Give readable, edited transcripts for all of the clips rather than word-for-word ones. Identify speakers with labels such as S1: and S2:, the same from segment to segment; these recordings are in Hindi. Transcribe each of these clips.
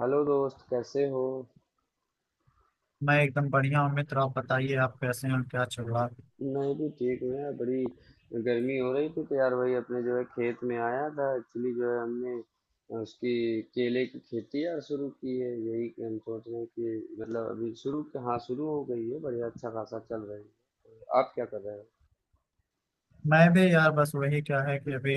S1: हेलो दोस्त कैसे हो।
S2: मैं एकदम बढ़िया हूँ मित्र। आप बताइए, आप कैसे हैं और क्या चल रहा है?
S1: मैं भी ठीक हूँ यार। बड़ी गर्मी हो रही थी तो यार वही अपने जो है खेत में आया था। एक्चुअली जो है हमने उसकी केले की खेती यार शुरू की है। यही कि हम सोच रहे हैं कि मतलब अभी शुरू, हाँ शुरू हो गई है। बढ़िया अच्छा खासा चल रही है। आप क्या कर रहे
S2: मैं भी यार बस वही क्या है कि अभी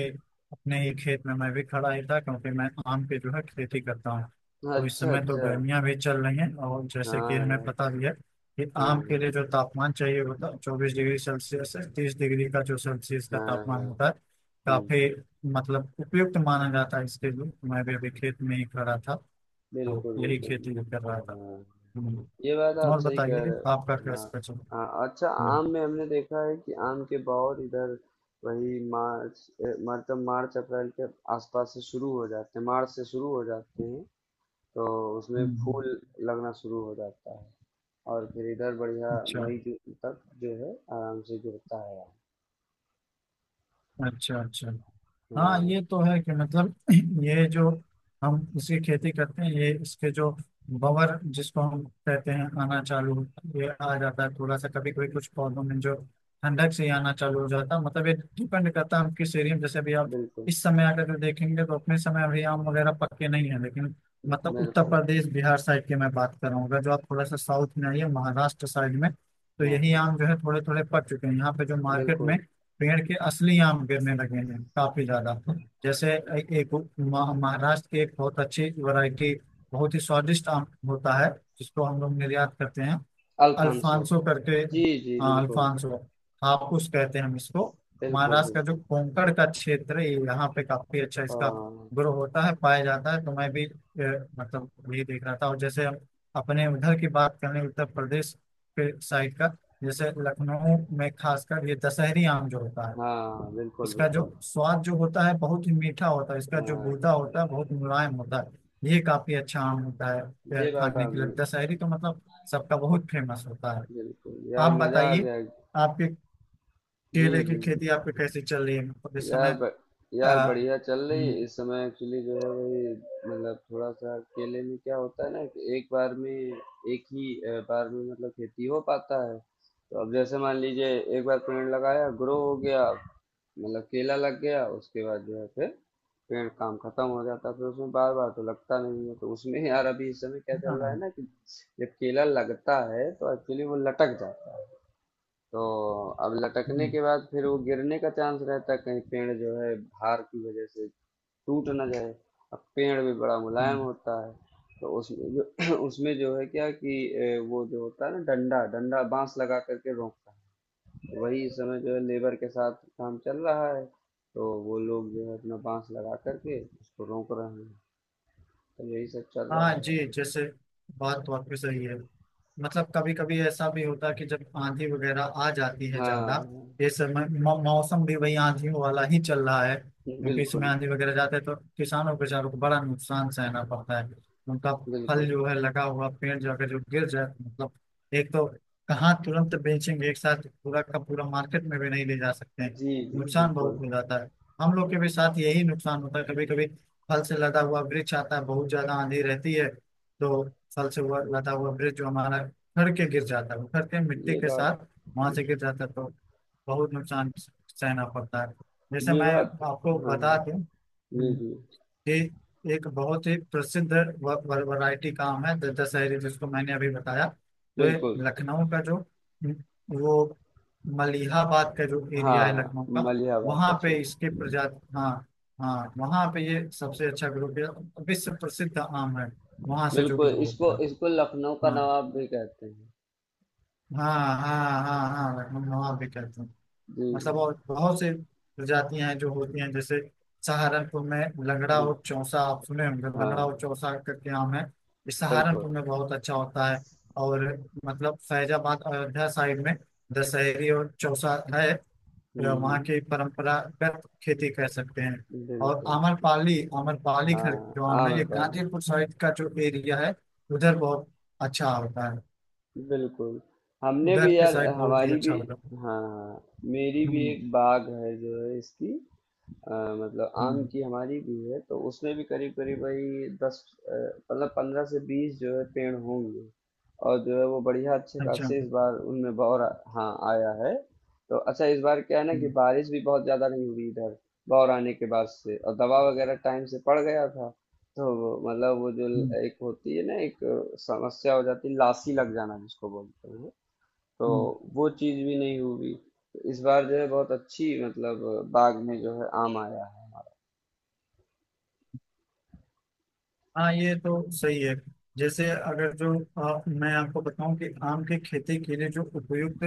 S2: अपने ही खेत में मैं भी खड़ा ही था, क्योंकि मैं आम की जो है खेती करता हूँ।
S1: हो।
S2: तो इस
S1: अच्छा
S2: समय तो
S1: अच्छा।
S2: गर्मियाँ भी चल रही हैं, और जैसे कि
S1: हाँ
S2: हमें
S1: यार।
S2: पता भी है कि
S1: हाँ
S2: आम के
S1: हाँ।
S2: लिए जो तापमान चाहिए होता है 24 डिग्री सेल्सियस से 30 डिग्री का जो सेल्सियस का
S1: हाँ हाँ।
S2: तापमान होता है, काफी
S1: हम्म,
S2: मतलब उपयुक्त माना जाता है इसके लिए। मैं भी अभी खेत में ही खड़ा था तो
S1: बिल्कुल
S2: यही
S1: बिल्कुल।
S2: खेती भी कर रहा था।
S1: हाँ
S2: हम्म।
S1: ये बात आप
S2: और
S1: सही कह
S2: बताइए,
S1: रहे
S2: आपका
S1: हो। हाँ।
S2: कैसा चल रहा है?
S1: हाँ अच्छा।
S2: हम्म।
S1: आम में हमने देखा है कि आम के बौर इधर वही मार्च मतलब मार्च अप्रैल के आसपास से शुरू हो जाते हैं। मार्च से शुरू हो जाते हैं। तो उसमें
S2: हम्म,
S1: फूल लगना शुरू हो जाता है और फिर इधर बढ़िया
S2: अच्छा
S1: मई जून तक जो है आराम से गिरता है आम।
S2: अच्छा। अच्छा हाँ,
S1: हाँ
S2: ये तो है कि मतलब ये जो हम इसकी खेती करते हैं, ये इसके जो बवर जिसको हम कहते हैं, आना चालू ये आ जाता है थोड़ा सा। कभी कभी कुछ पौधों में जो ठंडक से ही आना चालू हो जाता है। मतलब ये डिपेंड करता है हम किस एरिया में। जैसे अभी आप
S1: बिल्कुल
S2: इस समय अगर जो देखेंगे तो अपने समय अभी आम वगैरह पक्के नहीं है, लेकिन मतलब उत्तर
S1: बिल्कुल।
S2: प्रदेश बिहार साइड की मैं बात कर रहा हूँ। अगर जो आप थोड़ा सा साउथ में आइए, महाराष्ट्र साइड में, तो
S1: हाँ
S2: यही
S1: हाँ
S2: आम जो है थोड़े थोड़े पक चुके हैं। यहाँ पे जो मार्केट में
S1: बिल्कुल।
S2: पेड़ के असली आम गिरने लगे हैं काफी ज्यादा। जैसे एक महाराष्ट्र की एक बहुत अच्छी वैरायटी, बहुत ही स्वादिष्ट आम होता है, जिसको हम लोग निर्यात करते हैं,
S1: अल्फांसो।
S2: अल्फांसो करके।
S1: जी जी
S2: हाँ
S1: बिल्कुल।
S2: अल्फांसो, हापुस कहते हैं हम इसको।
S1: बिल्कुल
S2: महाराष्ट्र का जो
S1: बिल्कुल।
S2: कोंकण का क्षेत्र है, यहाँ पे काफी अच्छा इसका
S1: हाँ
S2: ग्रो होता है, पाया जाता है। तो मैं भी मतलब यही देख रहा था। और जैसे हम अपने उधर की बात करें, उत्तर प्रदेश के साइड का, जैसे लखनऊ में खासकर ये दशहरी आम जो होता है,
S1: हाँ बिल्कुल।
S2: इसका जो
S1: बिल्कुल।
S2: स्वाद जो होता है बहुत ही मीठा होता है। इसका जो
S1: हाँ
S2: गूदा होता है बहुत मुलायम होता है, ये काफी अच्छा आम होता है। यह
S1: ये बात
S2: खाने के लिए
S1: आपने,
S2: दशहरी तो मतलब सबका बहुत फेमस होता है।
S1: बिल्कुल यार
S2: आप
S1: मजा आ
S2: बताइए,
S1: गया।
S2: आपके
S1: जी
S2: केले की
S1: जी।
S2: खेती आपकी कैसी चल रही है मतलब इस
S1: यार
S2: समय?
S1: ब,
S2: अ,
S1: यार बढ़िया चल रही
S2: हम्म,
S1: है। इस समय एक्चुअली जो है वही मतलब थोड़ा सा केले में क्या होता है ना कि एक बार में एक ही बार में मतलब खेती हो पाता है। तो अब जैसे मान लीजिए, एक बार पेड़ लगाया, ग्रो हो गया, मतलब केला लग गया। उसके बाद जो है फिर पेड़ काम खत्म हो जाता है। फिर उसमें बार बार तो लगता नहीं है। तो उसमें यार अभी इस समय क्या चल
S2: हाँ,
S1: रहा है ना कि जब केला लगता है तो एक्चुअली वो लटक जाता है। तो अब लटकने
S2: हम्म,
S1: के बाद फिर वो गिरने का चांस रहता है, कहीं पेड़ जो है भार की वजह से टूट ना जाए। अब पेड़ भी बड़ा मुलायम
S2: हम्म।
S1: होता है। तो उसमें जो उसमें जो है क्या कि वो जो होता है ना डंडा डंडा बांस लगा करके रोकता है। तो वही इस समय जो है लेबर के साथ काम चल रहा है। तो वो लोग जो है अपना बांस लगा करके उसको रोक रहे हैं। तो यही सब चल
S2: हाँ
S1: रहा है।
S2: जी, जैसे बात वाकई सही है। मतलब कभी कभी ऐसा भी होता है कि जब आंधी वगैरह आ जाती है ज्यादा।
S1: हाँ
S2: ये समय मौसम भी वही आंधियों वाला ही चल रहा है, क्योंकि इसमें
S1: बिल्कुल
S2: आंधी वगैरह जाते हैं तो किसानों बेचारों को बड़ा नुकसान सहना पड़ता है उनका। फल
S1: बिल्कुल।
S2: जो है लगा हुआ पेड़ जो अगर जो गिर जाए मतलब, एक तो कहाँ तुरंत बेचेंगे, एक साथ पूरा का पूरा मार्केट में भी नहीं ले जा सकते हैं।
S1: जी जी
S2: नुकसान बहुत
S1: बिल्कुल।
S2: हो जाता है। हम लोग के भी साथ यही नुकसान होता है कभी कभी। फल से लदा हुआ वृक्ष आता है, बहुत ज्यादा आंधी रहती है तो फल से हुआ लदा हुआ वृक्ष जो हमारा घर के गिर जाता है, घर के मिट्टी
S1: ये
S2: के
S1: बात,
S2: साथ वहां से गिर जाता है, तो बहुत नुकसान सहना पड़ता है। जैसे
S1: ये
S2: मैं
S1: बात।
S2: आपको
S1: हाँ हाँ
S2: बता दूं,
S1: जी, जी,
S2: ये एक बहुत ही प्रसिद्ध वैरायटी काम है, दशहरी, जिसको मैंने अभी बताया। तो ये
S1: बिल्कुल।
S2: लखनऊ का जो वो मलिहाबाद का जो एरिया है
S1: हाँ,
S2: लखनऊ का,
S1: मलिहाबाद का
S2: वहाँ पे इसके
S1: क्षेत्र।
S2: प्रजाति हाँ, हाँ वहाँ पे ये सबसे अच्छा ग्रो, विश्व प्रसिद्ध आम है वहाँ से जो
S1: बिल्कुल,
S2: ग्रो
S1: इसको
S2: होता है।
S1: इसको लखनऊ का
S2: हाँ
S1: नवाब भी कहते हैं।
S2: हाँ हाँ हाँ, हाँ लखनऊ नवाब भी कहते हैं।
S1: जी,
S2: मतलब और बहुत से प्रजातियां हैं जो होती हैं, जैसे सहारनपुर में
S1: जी,
S2: लंगड़ा
S1: बिल
S2: और चौसा आप सुने होंगे। लंगड़ा और
S1: हाँ,
S2: चौसा करके आम है, ये
S1: बिल्कुल।
S2: सहारनपुर में बहुत अच्छा होता है। और मतलब फैजाबाद अयोध्या साइड में दशहरी और चौसा है, वहाँ
S1: हुँ,
S2: की परंपरागत खेती कह सकते हैं। और
S1: बिल्कुल।
S2: आम्रपाली, आम्रपाली खर
S1: हाँ,
S2: जो आम है ये
S1: आम्रपाली।
S2: गाजीपुर साइड का जो एरिया है, उधर बहुत अच्छा होता है।
S1: बिल्कुल, हमने भी
S2: उधर के
S1: यार,
S2: साइड बहुत ही
S1: हमारी भी,
S2: अच्छा होता है।
S1: हाँ, मेरी भी
S2: हम्म
S1: एक बाग़ है जो है इसकी। अ, मतलब आम
S2: हम्म
S1: की हमारी भी है, तो उसमें भी करीब करीब भाई 10, अ, मतलब 15 से 20 जो है पेड़ होंगे। और जो है वो बढ़िया अच्छे
S2: अच्छा।
S1: खासे इस बार उनमें हाँ आया है। तो अच्छा इस बार क्या है ना कि
S2: हम्म
S1: बारिश भी बहुत ज्यादा नहीं हुई इधर, बौर आने के बाद से। और दवा वगैरह टाइम से पड़ गया था। तो मतलब वो जो
S2: हम्म।
S1: एक होती है ना, एक समस्या हो जाती है, लासी लग जाना जिसको बोलते हैं। तो
S2: हम्म,
S1: वो चीज भी नहीं हुई। तो इस बार जो है बहुत अच्छी मतलब बाग में जो है आम आया।
S2: हाँ ये तो सही है। जैसे अगर जो मैं आपको बताऊं कि आम की खेती के लिए जो उपयुक्त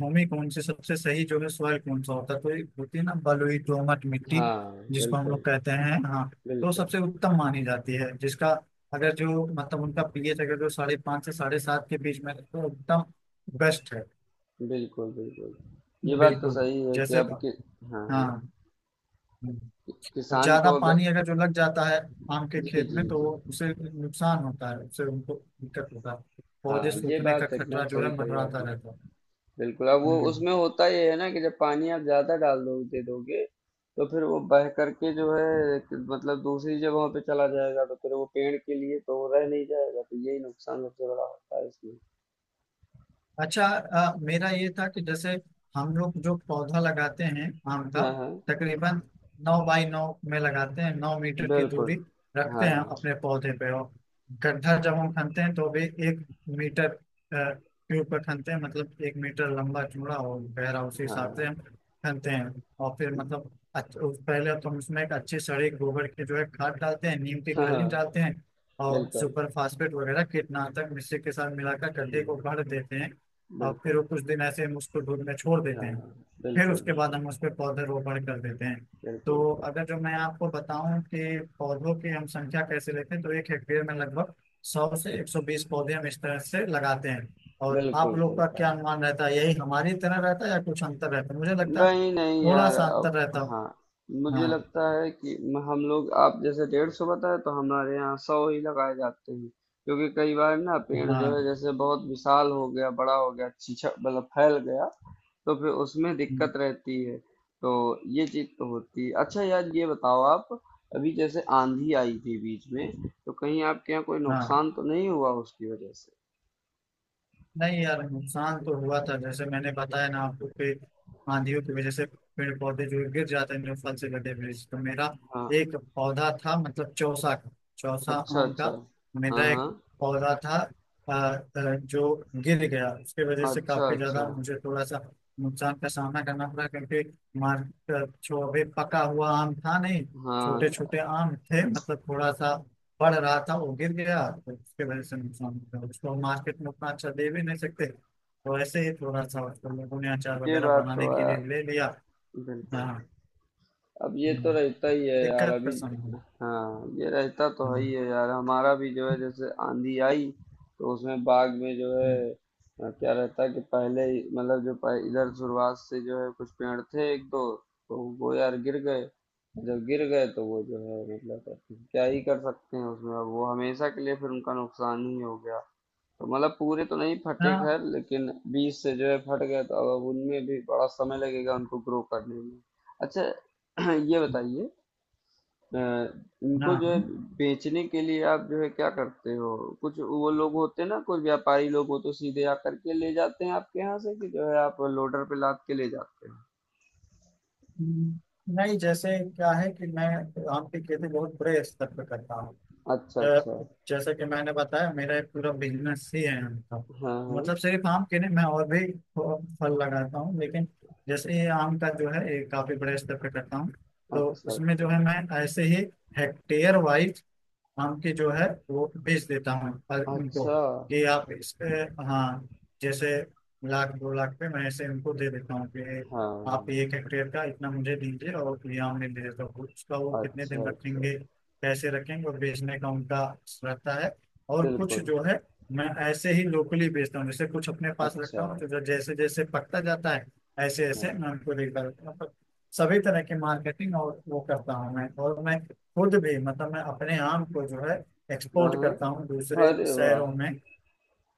S2: भूमि कौन सी सबसे सही जो है, सॉइल कौन सा होता है, तो एक होती है ना बलुई दोमट मिट्टी,
S1: हाँ
S2: जिसको हम लोग
S1: बिल्कुल
S2: कहते हैं, हाँ। तो
S1: बिल्कुल।
S2: सबसे उत्तम मानी जाती है, जिसका अगर जो मतलब उनका पीएच अगर जो 5.5 से 7.5 के बीच में है, तो उत्तम बेस्ट है।
S1: बिल्कुल बिल्कुल। ये बात तो
S2: बिल्कुल,
S1: सही है कि
S2: जैसे
S1: अब कि,
S2: हाँ
S1: हाँ हाँ,
S2: और
S1: किसान
S2: ज्यादा
S1: को अगर,
S2: पानी अगर जो लग जाता है आम के
S1: जी
S2: खेत
S1: जी
S2: में तो
S1: जी,
S2: वो उसे नुकसान होता है, उससे उनको दिक्कत होता है। पौधे
S1: हाँ ये
S2: सूखने का
S1: बात एकदम
S2: खतरा जो
S1: सही
S2: है
S1: कही
S2: मंडराता
S1: आपने।
S2: रहता है।
S1: बिल्कुल अब वो
S2: हम्म।
S1: उसमें होता ये है ना कि जब पानी आप ज्यादा डाल दो दे दोगे तो फिर वो बह करके जो है कि मतलब दूसरी जगहों पे चला जाएगा। तो फिर वो पेड़ के लिए तो वो रह नहीं जाएगा। तो यही नुकसान सबसे बड़ा होता है इसमें।
S2: अच्छा मेरा ये था कि जैसे हम लोग जो पौधा लगाते हैं आम का,
S1: हाँ हाँ
S2: तकरीबन 9 बाई 9 में लगाते हैं, 9 मीटर की दूरी
S1: बिल्कुल।
S2: रखते हैं
S1: हाँ
S2: अपने पौधे पे। और गड्ढा जब हम खनते हैं तो भी 1 मीटर के ऊपर खनते हैं, मतलब 1 मीटर लंबा चौड़ा और गहरा उसी हिसाब से
S1: हाँ
S2: हम खनते हैं। और फिर मतलब पहले तो हम उसमें एक अच्छी सड़ी गोबर की जो है खाद डालते हैं, नीम की
S1: हाँ हाँ
S2: खली डालते हैं, और
S1: बिल्कुल।
S2: सुपर फास्फेट वगैरह कीटनाशक मिश्री के साथ मिलाकर गड्ढे को
S1: हम्म,
S2: भर देते हैं। और फिर
S1: बिल्कुल।
S2: वो कुछ दिन ऐसे हम उसको धूप में छोड़ देते हैं।
S1: हाँ,
S2: फिर
S1: बिल्कुल,
S2: उसके बाद
S1: बिल्कुल,
S2: हम उस पर पौधे रोपण कर देते हैं। तो
S1: बिल्कुल,
S2: अगर जो मैं आपको बताऊं कि पौधों की हम संख्या कैसे लेते हैं, तो 1 हेक्टेयर में लगभग 100 से 120 पौधे हम इस तरह से लगाते हैं। और आप
S1: बिल्कुल
S2: लोग
S1: सही
S2: का
S1: कहा।
S2: क्या अनुमान रहता है, यही हमारी तरह रहता है या कुछ अंतर रहता है? मुझे लगता है
S1: नहीं, नहीं
S2: थोड़ा
S1: यार
S2: सा
S1: अब,
S2: अंतर रहता है।
S1: हाँ, मुझे
S2: हाँ
S1: लगता है कि हम लोग आप जैसे 150 बताए तो हमारे यहाँ 100 ही लगाए जाते हैं। क्योंकि कई बार ना पेड़ जो
S2: हाँ
S1: है जैसे बहुत विशाल हो गया, बड़ा हो गया, छीछा मतलब फैल गया, तो फिर उसमें दिक्कत रहती है। तो ये चीज तो होती है। अच्छा यार ये बताओ आप, अभी जैसे आंधी आई थी बीच में, तो कहीं आपके यहाँ कोई
S2: हाँ,
S1: नुकसान तो नहीं हुआ उसकी वजह से।
S2: नहीं यार नुकसान तो हुआ था। जैसे मैंने बताया ना आपको कि आंधियों की वजह से पेड़ पौधे जो गिर जाते हैं, जो फल से लदे हुए, तो मेरा
S1: हाँ
S2: एक पौधा था मतलब चौसा का, चौसा
S1: अच्छा
S2: आम
S1: अच्छा।
S2: का।
S1: हाँ
S2: मेरा एक
S1: हाँ
S2: पौधा था अ, जो गिर गया, उसके वजह से
S1: अच्छा
S2: काफी
S1: अच्छा।
S2: ज्यादा मुझे थोड़ा सा नुकसान का सामना करना पड़ा, क्योंकि मार्केट जो अभी पका हुआ आम था नहीं, छोटे छोटे
S1: हाँ
S2: आम थे मतलब थोड़ा सा पढ़ रहा था। वो गिर गया तो उसके वजह से नुकसान हो गया। उसको हम मार्केट में उतना अच्छा दे भी नहीं सकते, तो ऐसे ही थोड़ा सा उसको लोगों ने अचार
S1: ये
S2: वगैरह
S1: बात तो
S2: बनाने के
S1: है
S2: लिए ले लिया।
S1: बिल्कुल
S2: हाँ,
S1: अब ये तो
S2: हम्म,
S1: रहता ही है यार
S2: दिक्कत का
S1: अभी
S2: समय है।
S1: हाँ ये रहता तो है ही
S2: हम्म,
S1: है यार हमारा भी जो है जैसे आंधी आई तो उसमें बाग में जो है
S2: हम्म,
S1: अ, क्या रहता है कि पहले ही- मतलब जो पह- इधर शुरुआत से जो है कुछ पेड़ थे एक दो तो वो यार गिर गए जब गिर गए तो वो जो है मतलब अब क्या ही कर सकते हैं उसमें अब वो हमेशा के लिए फिर उनका नुकसान ही हो गया तो मतलब पूरे तो नहीं फटे
S2: हाँ
S1: खैर लेकिन बीज से जो है फट गए तो अब उनमें भी बड़ा समय लगेगा उनको ग्रो करने में अच्छा ये बताइए अ, इनको जो है
S2: हाँ,
S1: बेचने के लिए आप जो है क्या करते हो कुछ वो लोग होते हैं ना कुछ व्यापारी लोग हो तो सीधे आकर के ले जाते हैं आपके यहाँ से कि जो है आप लोडर पे लाद के ले जाते हैं
S2: हम्म, नहीं जैसे क्या है कि मैं आम की खेती बहुत बड़े स्तर पर करता हूँ।
S1: अच्छा अच्छा
S2: अ, जैसा कि मैंने बताया, मेरा एक पूरा बिजनेस ही है आम का।
S1: हाँ हाँ
S2: मतलब सिर्फ आम के नहीं, मैं और भी फल लगाता हूँ, लेकिन जैसे ये आम का जो है ये काफी बड़े स्तर पे करता हूँ। तो
S1: अच्छा
S2: उसमें
S1: अच्छा
S2: जो है मैं ऐसे ही हेक्टेयर वाइज हम के जो है वो भेज देता हूँ पर उनको
S1: अच्छा
S2: कि आप इस पे, हाँ जैसे लाख दो लाख पे मैं ऐसे उनको दे देता हूँ कि
S1: हाँ
S2: आप
S1: हाँ।
S2: 1 हेक्टेयर का इतना मुझे दीजिए और ये आमने दे देता हूँ, उसका वो कितने दिन
S1: अच्छा अच्छा
S2: रखेंगे, कैसे रखेंगे और बेचने का उनका रहता है। और कुछ
S1: बिल्कुल।
S2: जो है मैं ऐसे ही लोकली बेचता हूँ। जैसे कुछ अपने पास
S1: अच्छा
S2: रखता हूँ तो जैसे जैसे पकता जाता है, ऐसे ऐसे मैं
S1: हाँ
S2: उनको देखता रहता हूँ। तो सभी तरह की मार्केटिंग और वो करता हूँ मैं। और मैं खुद भी मतलब मैं अपने आम को जो है
S1: हाँ
S2: एक्सपोर्ट करता हूँ दूसरे
S1: हाँ अरे वाह।
S2: शहरों में।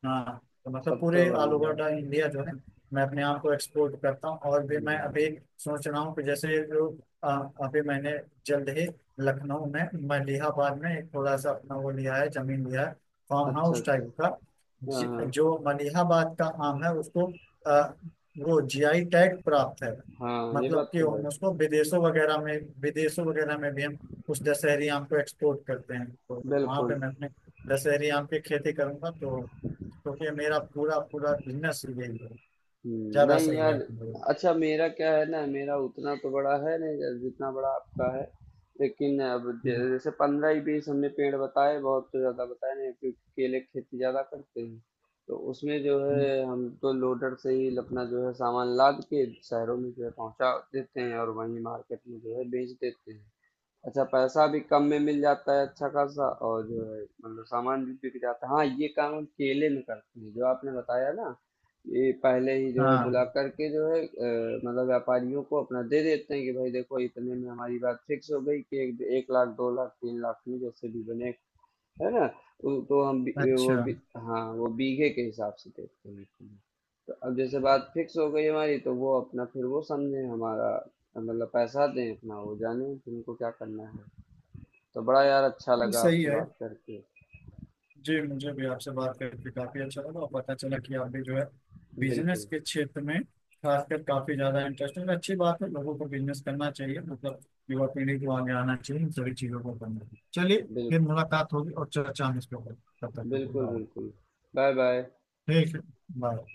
S2: हाँ, तो मतलब
S1: तब तो
S2: पूरे ऑल
S1: बढ़िया
S2: ओवर
S1: है।
S2: द इंडिया जो है मैं अपने आप को एक्सपोर्ट करता हूँ। और भी मैं अभी
S1: हम्म।
S2: सोच रहा हूँ कि जैसे जो अ, अभी मैंने जल्द ही लखनऊ में मलिहाबाद में एक थोड़ा सा अपना वो लिया है, जमीन लिया है, फार्म
S1: अच्छा
S2: हाउस
S1: अच्छा।
S2: टाइप का।
S1: हाँ हाँ
S2: जो मलिहाबाद का आम है उसको अ, वो जीआई टैग प्राप्त है।
S1: हाँ ये
S2: मतलब
S1: बात
S2: कि
S1: तो है।
S2: हम उसको विदेशों वगैरह में, विदेशों वगैरह में भी हम उस दशहरी आम को एक्सपोर्ट करते हैं। तो वहां पे
S1: बिल्कुल।
S2: मैं अपने दशहरी आम की खेती करूंगा, तो क्योंकि मेरा पूरा पूरा बिजनेस ही यही है, ज्यादा
S1: नहीं
S2: सही
S1: यार,
S2: रहेगा मेरे
S1: अच्छा मेरा क्या है ना, मेरा उतना तो बड़ा है नहीं जितना बड़ा आपका है। लेकिन अब
S2: लिए।
S1: जैसे 15 ही 20 हमने पेड़ बताए, बहुत तो ज्यादा बताए नहीं, क्योंकि केले की खेती ज्यादा करते हैं। तो उसमें जो है हम तो लोडर से ही अपना जो है सामान लाद के शहरों में जो है पहुंचा देते हैं, और वहीं मार्केट में जो है बेच देते हैं। अच्छा पैसा भी कम में मिल जाता है अच्छा खासा। और जो है मतलब सामान भी बिक जाता है। हाँ ये काम हम केले में करते हैं, जो आपने बताया ना, ये पहले ही जो है बुला
S2: हाँ
S1: करके जो है, मतलब व्यापारियों को अपना दे देते हैं, कि भाई देखो इतने में हमारी बात फिक्स हो गई, कि एक लाख दो लाख तीन लाख में जैसे भी बने, है ना। तो हम
S2: अच्छा
S1: हाँ वो बीघे के हिसाब से देखते हैं कि, तो अब जैसे बात फिक्स हो गई हमारी, तो वो अपना फिर वो समझे हमारा, मतलब पैसा दें अपना, वो जाने कि उनको क्या करना है। तो बड़ा यार अच्छा
S2: नहीं,
S1: लगा
S2: सही
S1: आपसे
S2: है
S1: बात करके।
S2: जी। मुझे भी आपसे बात करके काफी अच्छा लगा, और पता चला कि आप भी जो है बिजनेस
S1: बिल्कुल
S2: के क्षेत्र में, खासकर काफी ज्यादा इंटरेस्ट है। अच्छी बात है, लोगों को बिजनेस करना चाहिए, मतलब युवा पीढ़ी को आगे आना चाहिए, इन सभी चीजों को करना चाहिए। चलिए फिर
S1: बिल्कुल।
S2: मुलाकात होगी और चर्चा हम इसके ऊपर, तब तक के लिए
S1: बिल्कुल
S2: बाय।
S1: बिल्कुल। Bye bye.
S2: ठीक है, बाय।